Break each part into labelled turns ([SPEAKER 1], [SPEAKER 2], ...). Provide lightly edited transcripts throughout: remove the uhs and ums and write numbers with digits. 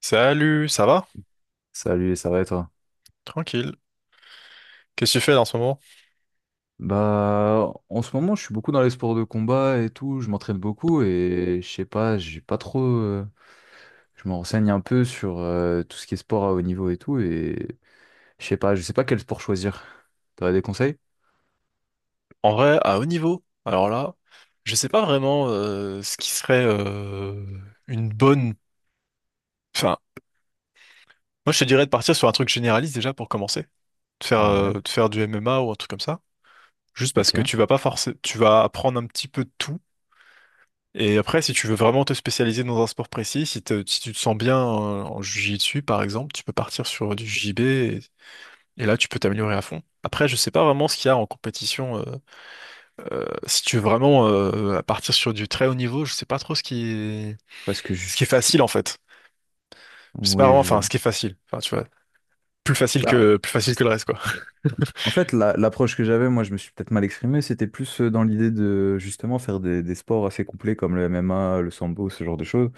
[SPEAKER 1] Salut, ça va?
[SPEAKER 2] Salut, ça va et toi?
[SPEAKER 1] Tranquille. Qu'est-ce que tu fais là en ce moment?
[SPEAKER 2] Bah, en ce moment, je suis beaucoup dans les sports de combat et tout, je m'entraîne beaucoup et je sais pas, j'ai pas trop. Je me renseigne un peu sur tout ce qui est sport à haut niveau et tout et je sais pas quel sport choisir. T'aurais des conseils?
[SPEAKER 1] En vrai, à haut niveau, alors là, je sais pas vraiment ce qui serait une bonne. Enfin, moi je te dirais de partir sur un truc généraliste déjà pour commencer. De faire, euh,
[SPEAKER 2] Ouais,
[SPEAKER 1] de faire du MMA ou un truc comme ça. Juste parce
[SPEAKER 2] ok.
[SPEAKER 1] que tu vas pas forcer, tu vas apprendre un petit peu de tout. Et après, si tu veux vraiment te spécialiser dans un sport précis, si tu te sens bien en jiu-jitsu par exemple, tu peux partir sur du JB et là tu peux t'améliorer à fond. Après, je sais pas vraiment ce qu'il y a en compétition. Si tu veux vraiment à partir sur du très haut niveau, je sais pas trop
[SPEAKER 2] Parce que
[SPEAKER 1] ce qui est
[SPEAKER 2] je...
[SPEAKER 1] facile en fait. Je sais pas
[SPEAKER 2] Oui,
[SPEAKER 1] vraiment,
[SPEAKER 2] je
[SPEAKER 1] enfin ce
[SPEAKER 2] vois.
[SPEAKER 1] qui est facile. Enfin tu vois, plus facile
[SPEAKER 2] Bah,
[SPEAKER 1] que plus facile que le reste quoi.
[SPEAKER 2] en fait, l'approche que j'avais, moi, je me suis peut-être mal exprimé, c'était plus dans l'idée de justement faire des sports assez complets comme le MMA, le sambo, ce genre de choses.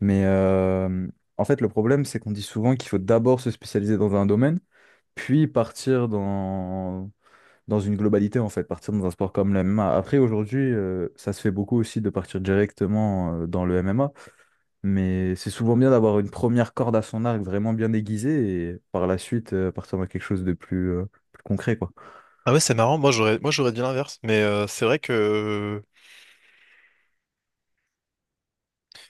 [SPEAKER 2] Mais en fait, le problème, c'est qu'on dit souvent qu'il faut d'abord se spécialiser dans un domaine, puis partir dans une globalité, en fait, partir dans un sport comme le MMA. Après, aujourd'hui, ça se fait beaucoup aussi de partir directement dans le MMA, mais c'est souvent bien d'avoir une première corde à son arc vraiment bien aiguisée et par la suite partir dans quelque chose de plus, plus concret, quoi.
[SPEAKER 1] Ah ouais, c'est marrant. Moi j'aurais dit l'inverse, mais c'est vrai que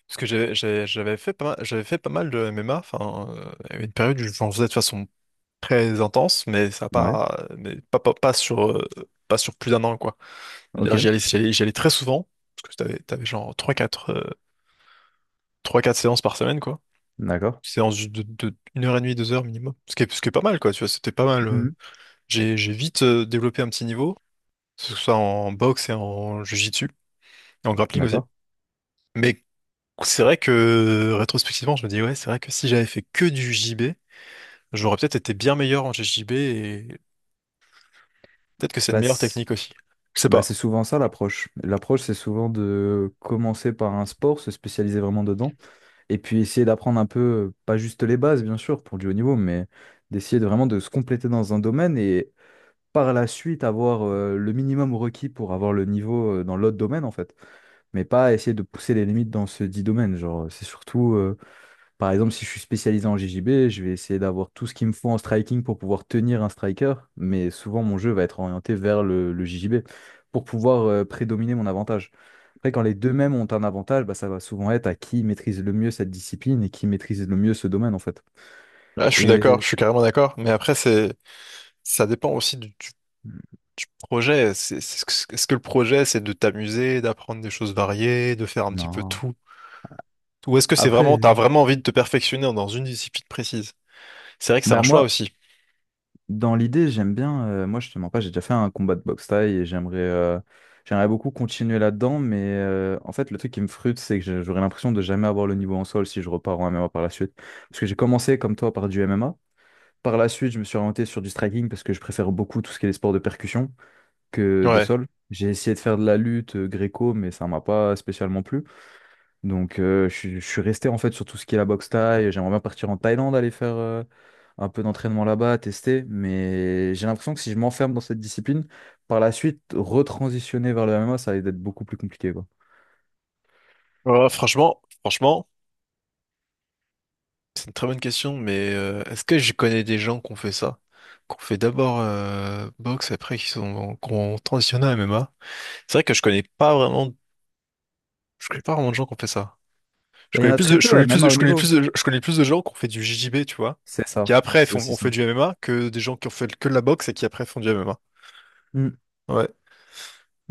[SPEAKER 1] parce que j'avais fait pas mal, j'avais fait pas mal de MMA. Enfin il y avait une période où j'en faisais de façon très intense, mais ça a
[SPEAKER 2] Ouais,
[SPEAKER 1] pas mais pas sur plus d'un an quoi.
[SPEAKER 2] ok,
[SPEAKER 1] C'est-à-dire, j'y allais très souvent parce que t'avais genre trois 4 séances par semaine quoi.
[SPEAKER 2] d'accord.
[SPEAKER 1] Séance de une heure et demie, deux heures minimum. Ce qui est pas mal, quoi, tu vois, c'était pas mal.
[SPEAKER 2] Mhm.
[SPEAKER 1] J'ai vite développé un petit niveau, que ce soit en boxe et en jiu-jitsu, et en grappling aussi.
[SPEAKER 2] D'accord.
[SPEAKER 1] Mais c'est vrai que, rétrospectivement, je me dis, ouais, c'est vrai que si j'avais fait que du JB, j'aurais peut-être été bien meilleur en JJB et peut-être que c'est une
[SPEAKER 2] Bah,
[SPEAKER 1] meilleure
[SPEAKER 2] c-
[SPEAKER 1] technique aussi. Je sais
[SPEAKER 2] Bah,
[SPEAKER 1] pas.
[SPEAKER 2] c'est souvent ça l'approche. L'approche, c'est souvent de commencer par un sport, se spécialiser vraiment dedans, et puis essayer d'apprendre un peu, pas juste les bases, bien sûr, pour du haut niveau, mais d'essayer de vraiment de se compléter dans un domaine et par la suite avoir le minimum requis pour avoir le niveau dans l'autre domaine, en fait. Mais pas essayer de pousser les limites dans ce dit domaine. Genre, c'est surtout, par exemple, si je suis spécialisé en JJB, je vais essayer d'avoir tout ce qu'il me faut en striking pour pouvoir tenir un striker, mais souvent mon jeu va être orienté vers le JJB pour pouvoir prédominer mon avantage. Après, quand les deux mêmes ont un avantage, bah, ça va souvent être à qui maîtrise le mieux cette discipline et qui maîtrise le mieux ce domaine en fait.
[SPEAKER 1] Là, je suis
[SPEAKER 2] Et
[SPEAKER 1] d'accord, je suis carrément d'accord. Mais après, ça dépend aussi du projet. Est-ce que le projet, c'est de t'amuser, d'apprendre des choses variées, de faire un petit peu
[SPEAKER 2] non.
[SPEAKER 1] tout? Ou est-ce que
[SPEAKER 2] Après,
[SPEAKER 1] t'as vraiment envie de te perfectionner dans une discipline précise? C'est vrai que c'est un
[SPEAKER 2] bah
[SPEAKER 1] choix
[SPEAKER 2] moi,
[SPEAKER 1] aussi.
[SPEAKER 2] dans l'idée, j'aime bien. Moi, je te mens pas, j'ai déjà fait un combat de boxe thaï et j'aimerais j'aimerais beaucoup continuer là-dedans. Mais en fait, le truc qui me frustre, c'est que j'aurais l'impression de jamais avoir le niveau en sol si je repars en MMA par la suite. Parce que j'ai commencé, comme toi, par du MMA. Par la suite, je me suis orienté sur du striking parce que je préfère beaucoup tout ce qui est les sports de percussion que de
[SPEAKER 1] Ouais.
[SPEAKER 2] sol. J'ai essayé de faire de la lutte gréco, mais ça m'a pas spécialement plu. Donc, je suis resté en fait sur tout ce qui est la boxe thaï. J'aimerais bien partir en Thaïlande, aller faire un peu d'entraînement là-bas, tester. Mais j'ai l'impression que si je m'enferme dans cette discipline, par la suite, retransitionner vers le MMA, ça va être beaucoup plus compliqué, quoi.
[SPEAKER 1] Ouais, franchement, c'est une très bonne question, mais est-ce que je connais des gens qui ont fait ça? Qu'on fait d'abord boxe, après qui ont transitionné à MMA. C'est vrai que je connais pas vraiment de gens qui ont fait ça.
[SPEAKER 2] Bah, il y en a très peu, même à haut niveau.
[SPEAKER 1] Je connais plus de gens qui ont fait du JJB, tu vois,
[SPEAKER 2] C'est
[SPEAKER 1] qui
[SPEAKER 2] ça.
[SPEAKER 1] après
[SPEAKER 2] C'est aussi
[SPEAKER 1] ont
[SPEAKER 2] ça.
[SPEAKER 1] fait du MMA que des gens qui ont fait que de la boxe et qui après font du MMA.
[SPEAKER 2] Mm.
[SPEAKER 1] Ouais.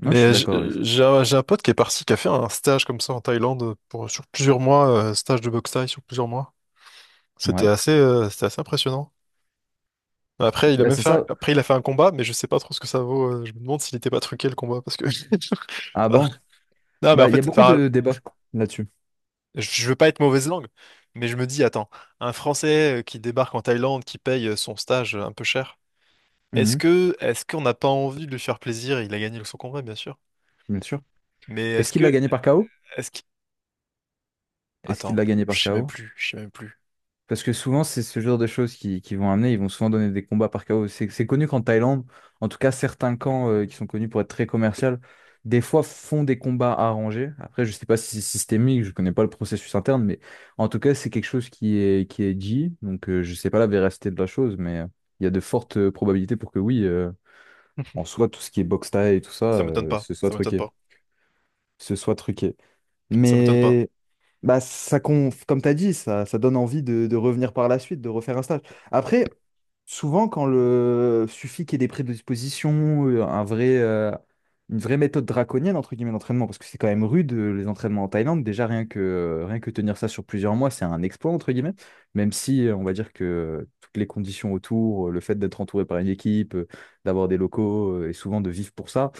[SPEAKER 2] Non, je suis
[SPEAKER 1] Mais
[SPEAKER 2] d'accord avec ça.
[SPEAKER 1] j'ai un pote qui est parti, qui a fait un stage comme ça en Thaïlande sur plusieurs mois, stage de boxe thaï sur plusieurs mois. C'était
[SPEAKER 2] Ouais.
[SPEAKER 1] assez, euh, c'était assez impressionnant. Après, il a
[SPEAKER 2] Bah,
[SPEAKER 1] même
[SPEAKER 2] c'est
[SPEAKER 1] fait, un-
[SPEAKER 2] ça.
[SPEAKER 1] après, il a fait un combat, mais je sais pas trop ce que ça vaut. Je me demande s'il n'était pas truqué le combat parce que.
[SPEAKER 2] Ah bon?
[SPEAKER 1] Non, mais en
[SPEAKER 2] Bah, il y a
[SPEAKER 1] fait,
[SPEAKER 2] beaucoup
[SPEAKER 1] enfin,
[SPEAKER 2] de débats là-dessus.
[SPEAKER 1] je veux pas être mauvaise langue, mais je me dis, attends, un Français qui débarque en Thaïlande, qui paye son stage un peu cher,
[SPEAKER 2] Mhm,
[SPEAKER 1] est-ce qu'on n'a pas envie de lui faire plaisir? Il a gagné son combat, bien sûr.
[SPEAKER 2] bien sûr.
[SPEAKER 1] Mais
[SPEAKER 2] Est-ce
[SPEAKER 1] est-ce
[SPEAKER 2] qu'il l'a
[SPEAKER 1] que,
[SPEAKER 2] gagné par KO?
[SPEAKER 1] est-ce que.
[SPEAKER 2] Est-ce qu'il
[SPEAKER 1] Attends,
[SPEAKER 2] l'a gagné par KO?
[SPEAKER 1] je sais même plus.
[SPEAKER 2] Parce que souvent, c'est ce genre de choses qui vont amener, ils vont souvent donner des combats par KO. C'est connu qu'en Thaïlande, en tout cas, certains camps qui sont connus pour être très commerciaux, des fois font des combats arrangés. Après, je sais pas si c'est systémique, je connais pas le processus interne, mais en tout cas, c'est quelque chose qui est dit. Donc, je sais pas la véracité de la chose, mais il y a de fortes probabilités pour que oui, en soi, tout ce qui est boxe thaï et tout ça,
[SPEAKER 1] Ça m'étonne pas,
[SPEAKER 2] ce soit
[SPEAKER 1] ça m'étonne
[SPEAKER 2] truqué.
[SPEAKER 1] pas,
[SPEAKER 2] Ce soit truqué.
[SPEAKER 1] ça m'étonne pas.
[SPEAKER 2] Mais bah, ça, comme tu as dit, ça donne envie de revenir par la suite, de refaire un stage. Après, souvent, quand le suffit qu'il y ait des prédispositions, un vrai, une vraie méthode draconienne, entre guillemets, d'entraînement, parce que c'est quand même rude, les entraînements en Thaïlande. Déjà, rien que, rien que tenir ça sur plusieurs mois, c'est un exploit, entre guillemets. Même si, on va dire que toutes les conditions autour, le fait d'être entouré par une équipe, d'avoir des locaux, et souvent de vivre pour ça,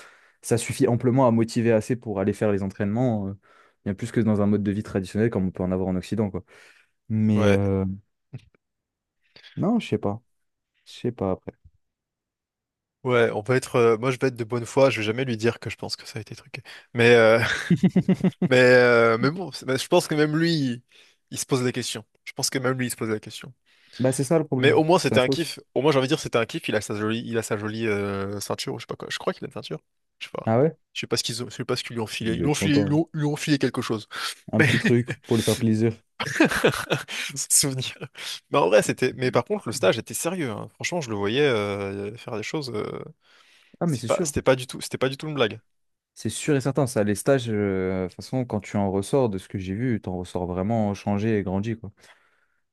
[SPEAKER 2] ça suffit amplement à motiver assez pour aller faire les entraînements. Bien plus que dans un mode de vie traditionnel comme on peut en avoir en Occident, quoi. Mais
[SPEAKER 1] Ouais,
[SPEAKER 2] non, je sais pas. Je sais pas après.
[SPEAKER 1] ouais, moi je vais être de bonne foi, je vais jamais lui dire que je pense que ça a été truqué. Mais, mais bon, mais je pense que même lui, il se pose la question. Je pense que même lui, il se pose la question.
[SPEAKER 2] Bah, c'est ça le
[SPEAKER 1] Mais
[SPEAKER 2] problème.
[SPEAKER 1] au moins
[SPEAKER 2] C'est
[SPEAKER 1] c'était
[SPEAKER 2] la
[SPEAKER 1] un
[SPEAKER 2] fausse.
[SPEAKER 1] kiff. Au moins j'ai envie de dire c'était un kiff. Il a sa jolie ceinture, ou je sais pas quoi. Je crois qu'il a une ceinture. Je sais pas.
[SPEAKER 2] Ah ouais?
[SPEAKER 1] Je sais pas ce qu'ils lui ont filé. Ils lui ont
[SPEAKER 2] D'être
[SPEAKER 1] filé, ils lui
[SPEAKER 2] content.
[SPEAKER 1] ont, ils lui ont filé quelque chose.
[SPEAKER 2] Un
[SPEAKER 1] Mais
[SPEAKER 2] petit truc pour lui faire plaisir.
[SPEAKER 1] souvenir. Mais en vrai c'était. Mais par contre le stage était sérieux, hein. Franchement je le voyais faire des choses.
[SPEAKER 2] Ah, mais
[SPEAKER 1] C'est
[SPEAKER 2] c'est
[SPEAKER 1] pas,
[SPEAKER 2] sûr.
[SPEAKER 1] c'était pas du tout, c'était pas du tout une blague.
[SPEAKER 2] C'est sûr et certain. Ça, les stages, de toute façon, quand tu en ressors de ce que j'ai vu, tu en ressors vraiment changé et grandi, quoi.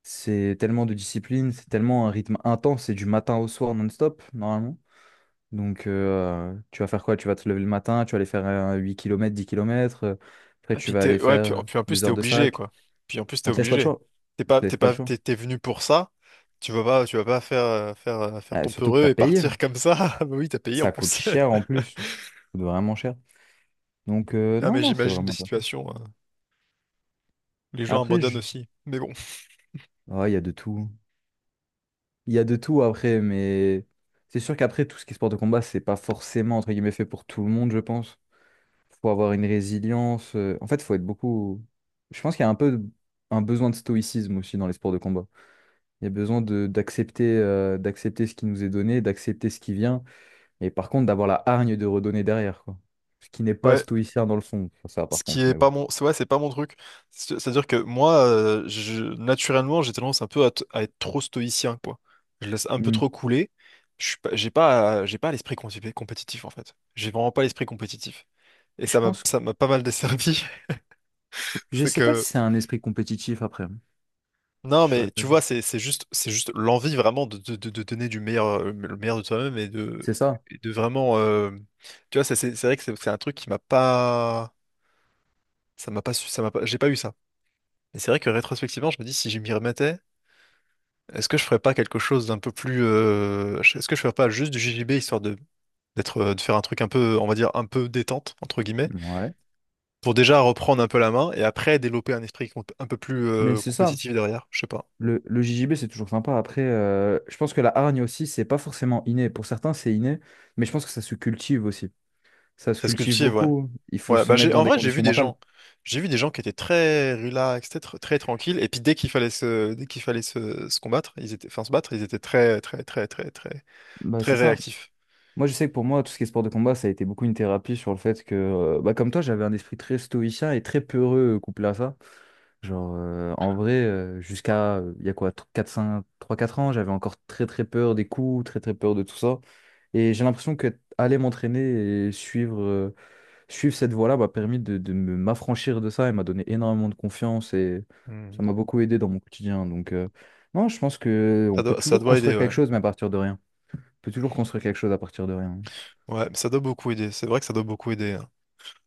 [SPEAKER 2] C'est tellement de discipline, c'est tellement un rythme intense, c'est du matin au soir non-stop, normalement. Donc, tu vas faire quoi? Tu vas te lever le matin, tu vas aller faire 8 kilomètres 10 kilomètres km. Après,
[SPEAKER 1] Ah,
[SPEAKER 2] tu vas aller
[SPEAKER 1] ouais, puis,
[SPEAKER 2] faire
[SPEAKER 1] puis en plus
[SPEAKER 2] deux
[SPEAKER 1] t'es
[SPEAKER 2] heures de
[SPEAKER 1] obligé
[SPEAKER 2] sac.
[SPEAKER 1] quoi. Puis en plus
[SPEAKER 2] On
[SPEAKER 1] t'es
[SPEAKER 2] te laisse pas le
[SPEAKER 1] obligé.
[SPEAKER 2] choix.
[SPEAKER 1] T'es
[SPEAKER 2] On
[SPEAKER 1] pas,
[SPEAKER 2] te laisse
[SPEAKER 1] t'es
[SPEAKER 2] pas le
[SPEAKER 1] pas,
[SPEAKER 2] choix.
[SPEAKER 1] t'es, t'es venu pour ça. Tu vas pas faire ton
[SPEAKER 2] Surtout que tu
[SPEAKER 1] peureux
[SPEAKER 2] as
[SPEAKER 1] et
[SPEAKER 2] payé.
[SPEAKER 1] partir comme ça. Ah, bah oui, t'as payé en
[SPEAKER 2] Ça coûte
[SPEAKER 1] plus.
[SPEAKER 2] cher en plus. Ça coûte vraiment cher. Donc,
[SPEAKER 1] Non
[SPEAKER 2] non,
[SPEAKER 1] mais
[SPEAKER 2] non, c'est
[SPEAKER 1] j'imagine des
[SPEAKER 2] vraiment intéressant.
[SPEAKER 1] situations, où les gens
[SPEAKER 2] Après,
[SPEAKER 1] abandonnent
[SPEAKER 2] je...
[SPEAKER 1] aussi. Mais bon.
[SPEAKER 2] oh, il y a de tout. Il y a de tout après, mais c'est sûr qu'après, tout ce qui est sport de combat, c'est pas forcément, entre guillemets, fait pour tout le monde, je pense. Faut avoir une résilience. En fait, faut être beaucoup. Je pense qu'il y a un peu un besoin de stoïcisme aussi dans les sports de combat. Il y a besoin de d'accepter d'accepter ce qui nous est donné, d'accepter ce qui vient, et par contre d'avoir la hargne de redonner derrière, quoi. Ce qui n'est pas
[SPEAKER 1] Ouais,
[SPEAKER 2] stoïcien dans le fond, ça
[SPEAKER 1] ce
[SPEAKER 2] par
[SPEAKER 1] qui
[SPEAKER 2] contre,
[SPEAKER 1] est
[SPEAKER 2] mais
[SPEAKER 1] pas
[SPEAKER 2] bon.
[SPEAKER 1] mon, c'est ouais, c'est pas mon truc. C'est-à-dire que moi, je, naturellement, j'ai tendance un peu à être trop stoïcien, quoi. Je laisse un peu
[SPEAKER 2] Hmm.
[SPEAKER 1] trop couler. Je suis pas, j'ai pas, j'ai pas l'esprit compétitif, en fait. J'ai vraiment pas l'esprit compétitif. Et
[SPEAKER 2] Je pense,
[SPEAKER 1] ça m'a pas mal desservi.
[SPEAKER 2] je
[SPEAKER 1] C'est
[SPEAKER 2] sais pas si
[SPEAKER 1] que,
[SPEAKER 2] c'est un esprit compétitif après. Hein.
[SPEAKER 1] non,
[SPEAKER 2] Je saurais
[SPEAKER 1] mais
[SPEAKER 2] pas.
[SPEAKER 1] tu vois, c'est juste l'envie vraiment de, de donner du meilleur, le meilleur de toi-même et
[SPEAKER 2] C'est ça.
[SPEAKER 1] et de vraiment, tu vois, ça, c'est vrai que c'est un truc qui m'a pas, ça m'a pas, j'ai pas eu ça. Et c'est vrai que rétrospectivement, je me dis, si je m'y remettais, est-ce que je ferais pas quelque chose d'un peu plus. Est-ce que je ferais pas juste du JJB, histoire de d'être, de faire un truc un peu, on va dire, un peu détente, entre guillemets,
[SPEAKER 2] Ouais.
[SPEAKER 1] pour déjà reprendre un peu la main et après développer un esprit un peu plus
[SPEAKER 2] Mais c'est ça.
[SPEAKER 1] compétitif derrière, je sais pas.
[SPEAKER 2] Le JJB, c'est toujours sympa. Après, je pense que la hargne aussi, c'est pas forcément inné. Pour certains, c'est inné, mais je pense que ça se cultive aussi. Ça se
[SPEAKER 1] Ça se
[SPEAKER 2] cultive
[SPEAKER 1] cultive, ouais.
[SPEAKER 2] beaucoup. Il faut
[SPEAKER 1] Ouais,
[SPEAKER 2] se
[SPEAKER 1] bah
[SPEAKER 2] mettre dans
[SPEAKER 1] en
[SPEAKER 2] des
[SPEAKER 1] vrai,
[SPEAKER 2] conditions mentales.
[SPEAKER 1] j'ai vu des gens qui étaient très relax, très, très tranquilles, et puis dès qu'il fallait se combattre, ils étaient, enfin se battre, ils étaient très, très, très, très, très,
[SPEAKER 2] Bah,
[SPEAKER 1] très
[SPEAKER 2] c'est ça.
[SPEAKER 1] réactifs.
[SPEAKER 2] Moi, je sais que pour moi, tout ce qui est sport de combat, ça a été beaucoup une thérapie sur le fait que, bah, comme toi, j'avais un esprit très stoïcien et très peureux couplé à ça. Genre, en vrai, jusqu'à, il y a quoi, 4, 5, 3, 4 ans, j'avais encore très, très peur des coups, très, très peur de tout ça. Et j'ai l'impression que aller m'entraîner et suivre, suivre cette voie-là m'a permis de, m'affranchir de ça et m'a donné énormément de confiance et ça
[SPEAKER 1] Hmm.
[SPEAKER 2] m'a beaucoup aidé dans mon quotidien. Donc, non, je pense que on
[SPEAKER 1] Ça
[SPEAKER 2] peut
[SPEAKER 1] doit, ça
[SPEAKER 2] toujours
[SPEAKER 1] doit aider,
[SPEAKER 2] construire quelque
[SPEAKER 1] ouais.
[SPEAKER 2] chose, mais à partir de rien. On peut toujours construire quelque chose à partir de rien.
[SPEAKER 1] Ouais, ça doit beaucoup aider. C'est vrai que ça doit beaucoup aider, hein.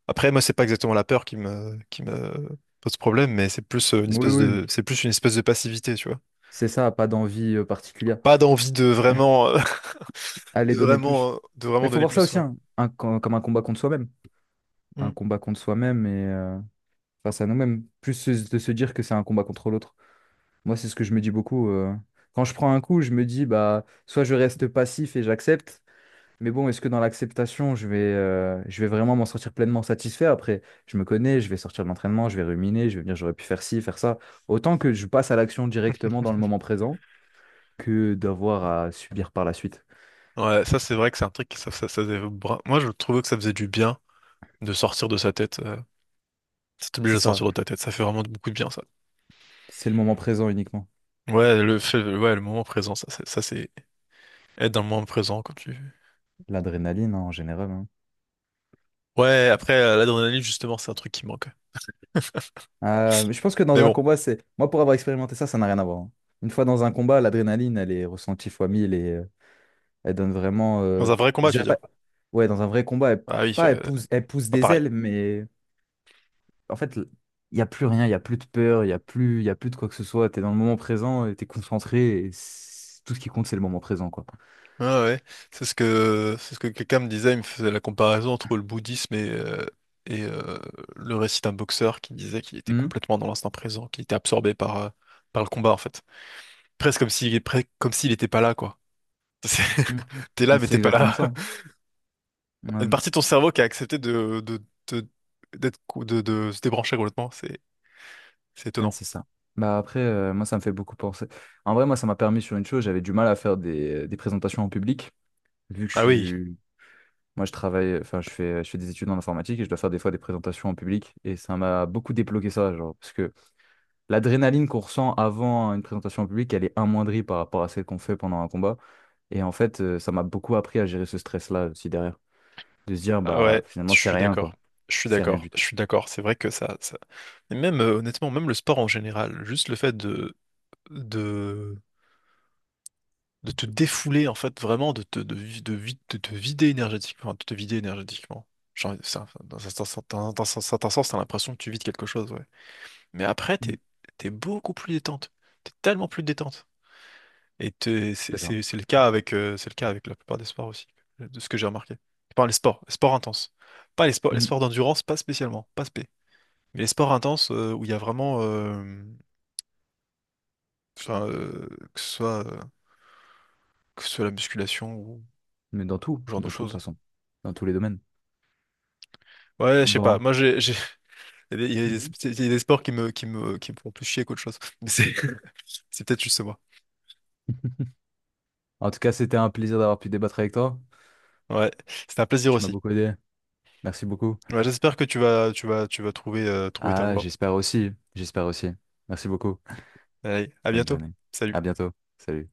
[SPEAKER 1] Après, moi, c'est pas exactement la peur qui me pose problème, mais c'est plus
[SPEAKER 2] Oui, oui.
[SPEAKER 1] une espèce de passivité, tu vois.
[SPEAKER 2] C'est ça, pas d'envie particulière.
[SPEAKER 1] Pas d'envie de
[SPEAKER 2] Allez donner plus.
[SPEAKER 1] de
[SPEAKER 2] Mais
[SPEAKER 1] vraiment
[SPEAKER 2] il faut
[SPEAKER 1] donner
[SPEAKER 2] voir ça
[SPEAKER 1] plus,
[SPEAKER 2] aussi,
[SPEAKER 1] ouais.
[SPEAKER 2] hein, comme un combat contre soi-même.
[SPEAKER 1] Hmm.
[SPEAKER 2] Un combat contre soi-même et face à nous-mêmes. Plus de se dire que c'est un combat contre l'autre. Moi, c'est ce que je me dis beaucoup. Quand je prends un coup, je me dis, bah, soit je reste passif et j'accepte, mais bon, est-ce que dans l'acceptation, je vais vraiment m'en sortir pleinement satisfait? Après, je me connais, je vais sortir de l'entraînement, je vais ruminer, je vais me dire, j'aurais pu faire ci, faire ça. Autant que je passe à l'action directement dans le moment présent que d'avoir à subir par la suite.
[SPEAKER 1] Ouais, ça, c'est vrai que c'est un truc qui, ça faisait bra- Moi, je trouvais que ça faisait du bien. De sortir de sa tête. Ça t'oblige
[SPEAKER 2] C'est
[SPEAKER 1] à
[SPEAKER 2] ça.
[SPEAKER 1] sortir de ta tête. Ça fait vraiment beaucoup de bien, ça.
[SPEAKER 2] C'est le moment présent uniquement.
[SPEAKER 1] Ouais, ouais, le moment présent, ça, c'est, être dans le moment présent quand tu.
[SPEAKER 2] L'adrénaline hein, en général. Hein.
[SPEAKER 1] Ouais, après, l'adrénaline, justement, c'est un truc qui manque.
[SPEAKER 2] Je pense que
[SPEAKER 1] Mais
[SPEAKER 2] dans un
[SPEAKER 1] bon,
[SPEAKER 2] combat, c'est. Moi, pour avoir expérimenté ça, ça n'a rien à voir. Hein. Une fois dans un combat, l'adrénaline, elle est ressentie fois 1000 et elle donne vraiment.
[SPEAKER 1] dans un vrai
[SPEAKER 2] Je
[SPEAKER 1] combat, tu veux
[SPEAKER 2] dirais
[SPEAKER 1] dire.
[SPEAKER 2] pas- Ouais, dans un vrai combat, elle,
[SPEAKER 1] Ah oui,
[SPEAKER 2] pas elle pousse, elle pousse
[SPEAKER 1] pas
[SPEAKER 2] des
[SPEAKER 1] pareil.
[SPEAKER 2] ailes, mais en fait, il n'y a plus rien, il n'y a plus de peur, il n'y a plus, il y a plus de quoi que ce soit. Tu es dans le moment présent, tu es concentré et tout ce qui compte, c'est le moment présent, quoi.
[SPEAKER 1] Ah ouais, c'est ce que quelqu'un me disait, il me faisait la comparaison entre le bouddhisme et le récit d'un boxeur qui disait qu'il était
[SPEAKER 2] Hum,
[SPEAKER 1] complètement dans l'instant présent, qu'il était absorbé par le combat, en fait. Presque comme s'il était pas là, quoi. C'est-
[SPEAKER 2] hum.
[SPEAKER 1] T'es là, mais
[SPEAKER 2] C'est
[SPEAKER 1] t'es pas
[SPEAKER 2] exactement
[SPEAKER 1] là.
[SPEAKER 2] ça. Hein.
[SPEAKER 1] Une
[SPEAKER 2] Mmh.
[SPEAKER 1] partie de ton cerveau qui a accepté de, d'être, cou- de se débrancher complètement. C'est
[SPEAKER 2] Ouais,
[SPEAKER 1] étonnant.
[SPEAKER 2] c'est ça. Bah après, moi, ça me fait beaucoup penser. En vrai, moi, ça m'a permis sur une chose, j'avais du mal à faire des présentations en public, vu que je
[SPEAKER 1] Ah oui,
[SPEAKER 2] suis... Moi, je travaille, enfin, je fais des études en informatique et je dois faire des fois des présentations en public. Et ça m'a beaucoup débloqué ça, genre, parce que l'adrénaline qu'on ressent avant une présentation en public, elle est amoindrie par rapport à celle qu'on fait pendant un combat. Et en fait, ça m'a beaucoup appris à gérer ce stress-là aussi derrière. De se dire,
[SPEAKER 1] ah
[SPEAKER 2] bah,
[SPEAKER 1] ouais, je
[SPEAKER 2] finalement, c'est
[SPEAKER 1] suis
[SPEAKER 2] rien, quoi.
[SPEAKER 1] d'accord. Je suis
[SPEAKER 2] C'est rien
[SPEAKER 1] d'accord,
[SPEAKER 2] du
[SPEAKER 1] je
[SPEAKER 2] tout.
[SPEAKER 1] suis d'accord. C'est vrai que ça, ça. Et même, honnêtement, même le sport en général, juste le fait de, de te défouler, en fait, vraiment, de te vider énergétiquement, enfin, de te vider énergétiquement. Genre, dans un certain sens, t'as l'impression que tu vides quelque chose, ouais. Mais après,
[SPEAKER 2] Mhm.
[SPEAKER 1] t'es beaucoup plus détente. T'es tellement plus détente. Et t'es- c'est
[SPEAKER 2] C'est ça.
[SPEAKER 1] c'est- c'est le cas avec, c'est le cas avec la plupart des sports aussi, de ce que j'ai remarqué. Je les sports intenses. Pas les
[SPEAKER 2] Mhm.
[SPEAKER 1] sports d'endurance, pas spécialement, pas spé. Mais les sports intenses où il y a vraiment, enfin, que ce soit, euh, que ce soit la musculation ou
[SPEAKER 2] Mais
[SPEAKER 1] ce genre de
[SPEAKER 2] dans tout,
[SPEAKER 1] choses.
[SPEAKER 2] façon. Dans tous les domaines.
[SPEAKER 1] Ouais, je sais pas.
[SPEAKER 2] Bon.
[SPEAKER 1] Moi, il y a des, il y a des il y a des sports qui me font plus chier qu'autre chose. Mais c'est peut-être juste moi.
[SPEAKER 2] En tout cas, c'était un plaisir d'avoir pu débattre avec toi.
[SPEAKER 1] Ouais, c'était un plaisir
[SPEAKER 2] Tu m'as
[SPEAKER 1] aussi.
[SPEAKER 2] beaucoup aidé. Merci beaucoup.
[SPEAKER 1] Ouais, j'espère que tu vas trouver ta
[SPEAKER 2] Ah,
[SPEAKER 1] voie.
[SPEAKER 2] j'espère aussi. J'espère aussi. Merci beaucoup.
[SPEAKER 1] Allez, à
[SPEAKER 2] Bonne
[SPEAKER 1] bientôt.
[SPEAKER 2] journée.
[SPEAKER 1] Salut.
[SPEAKER 2] À bientôt. Salut.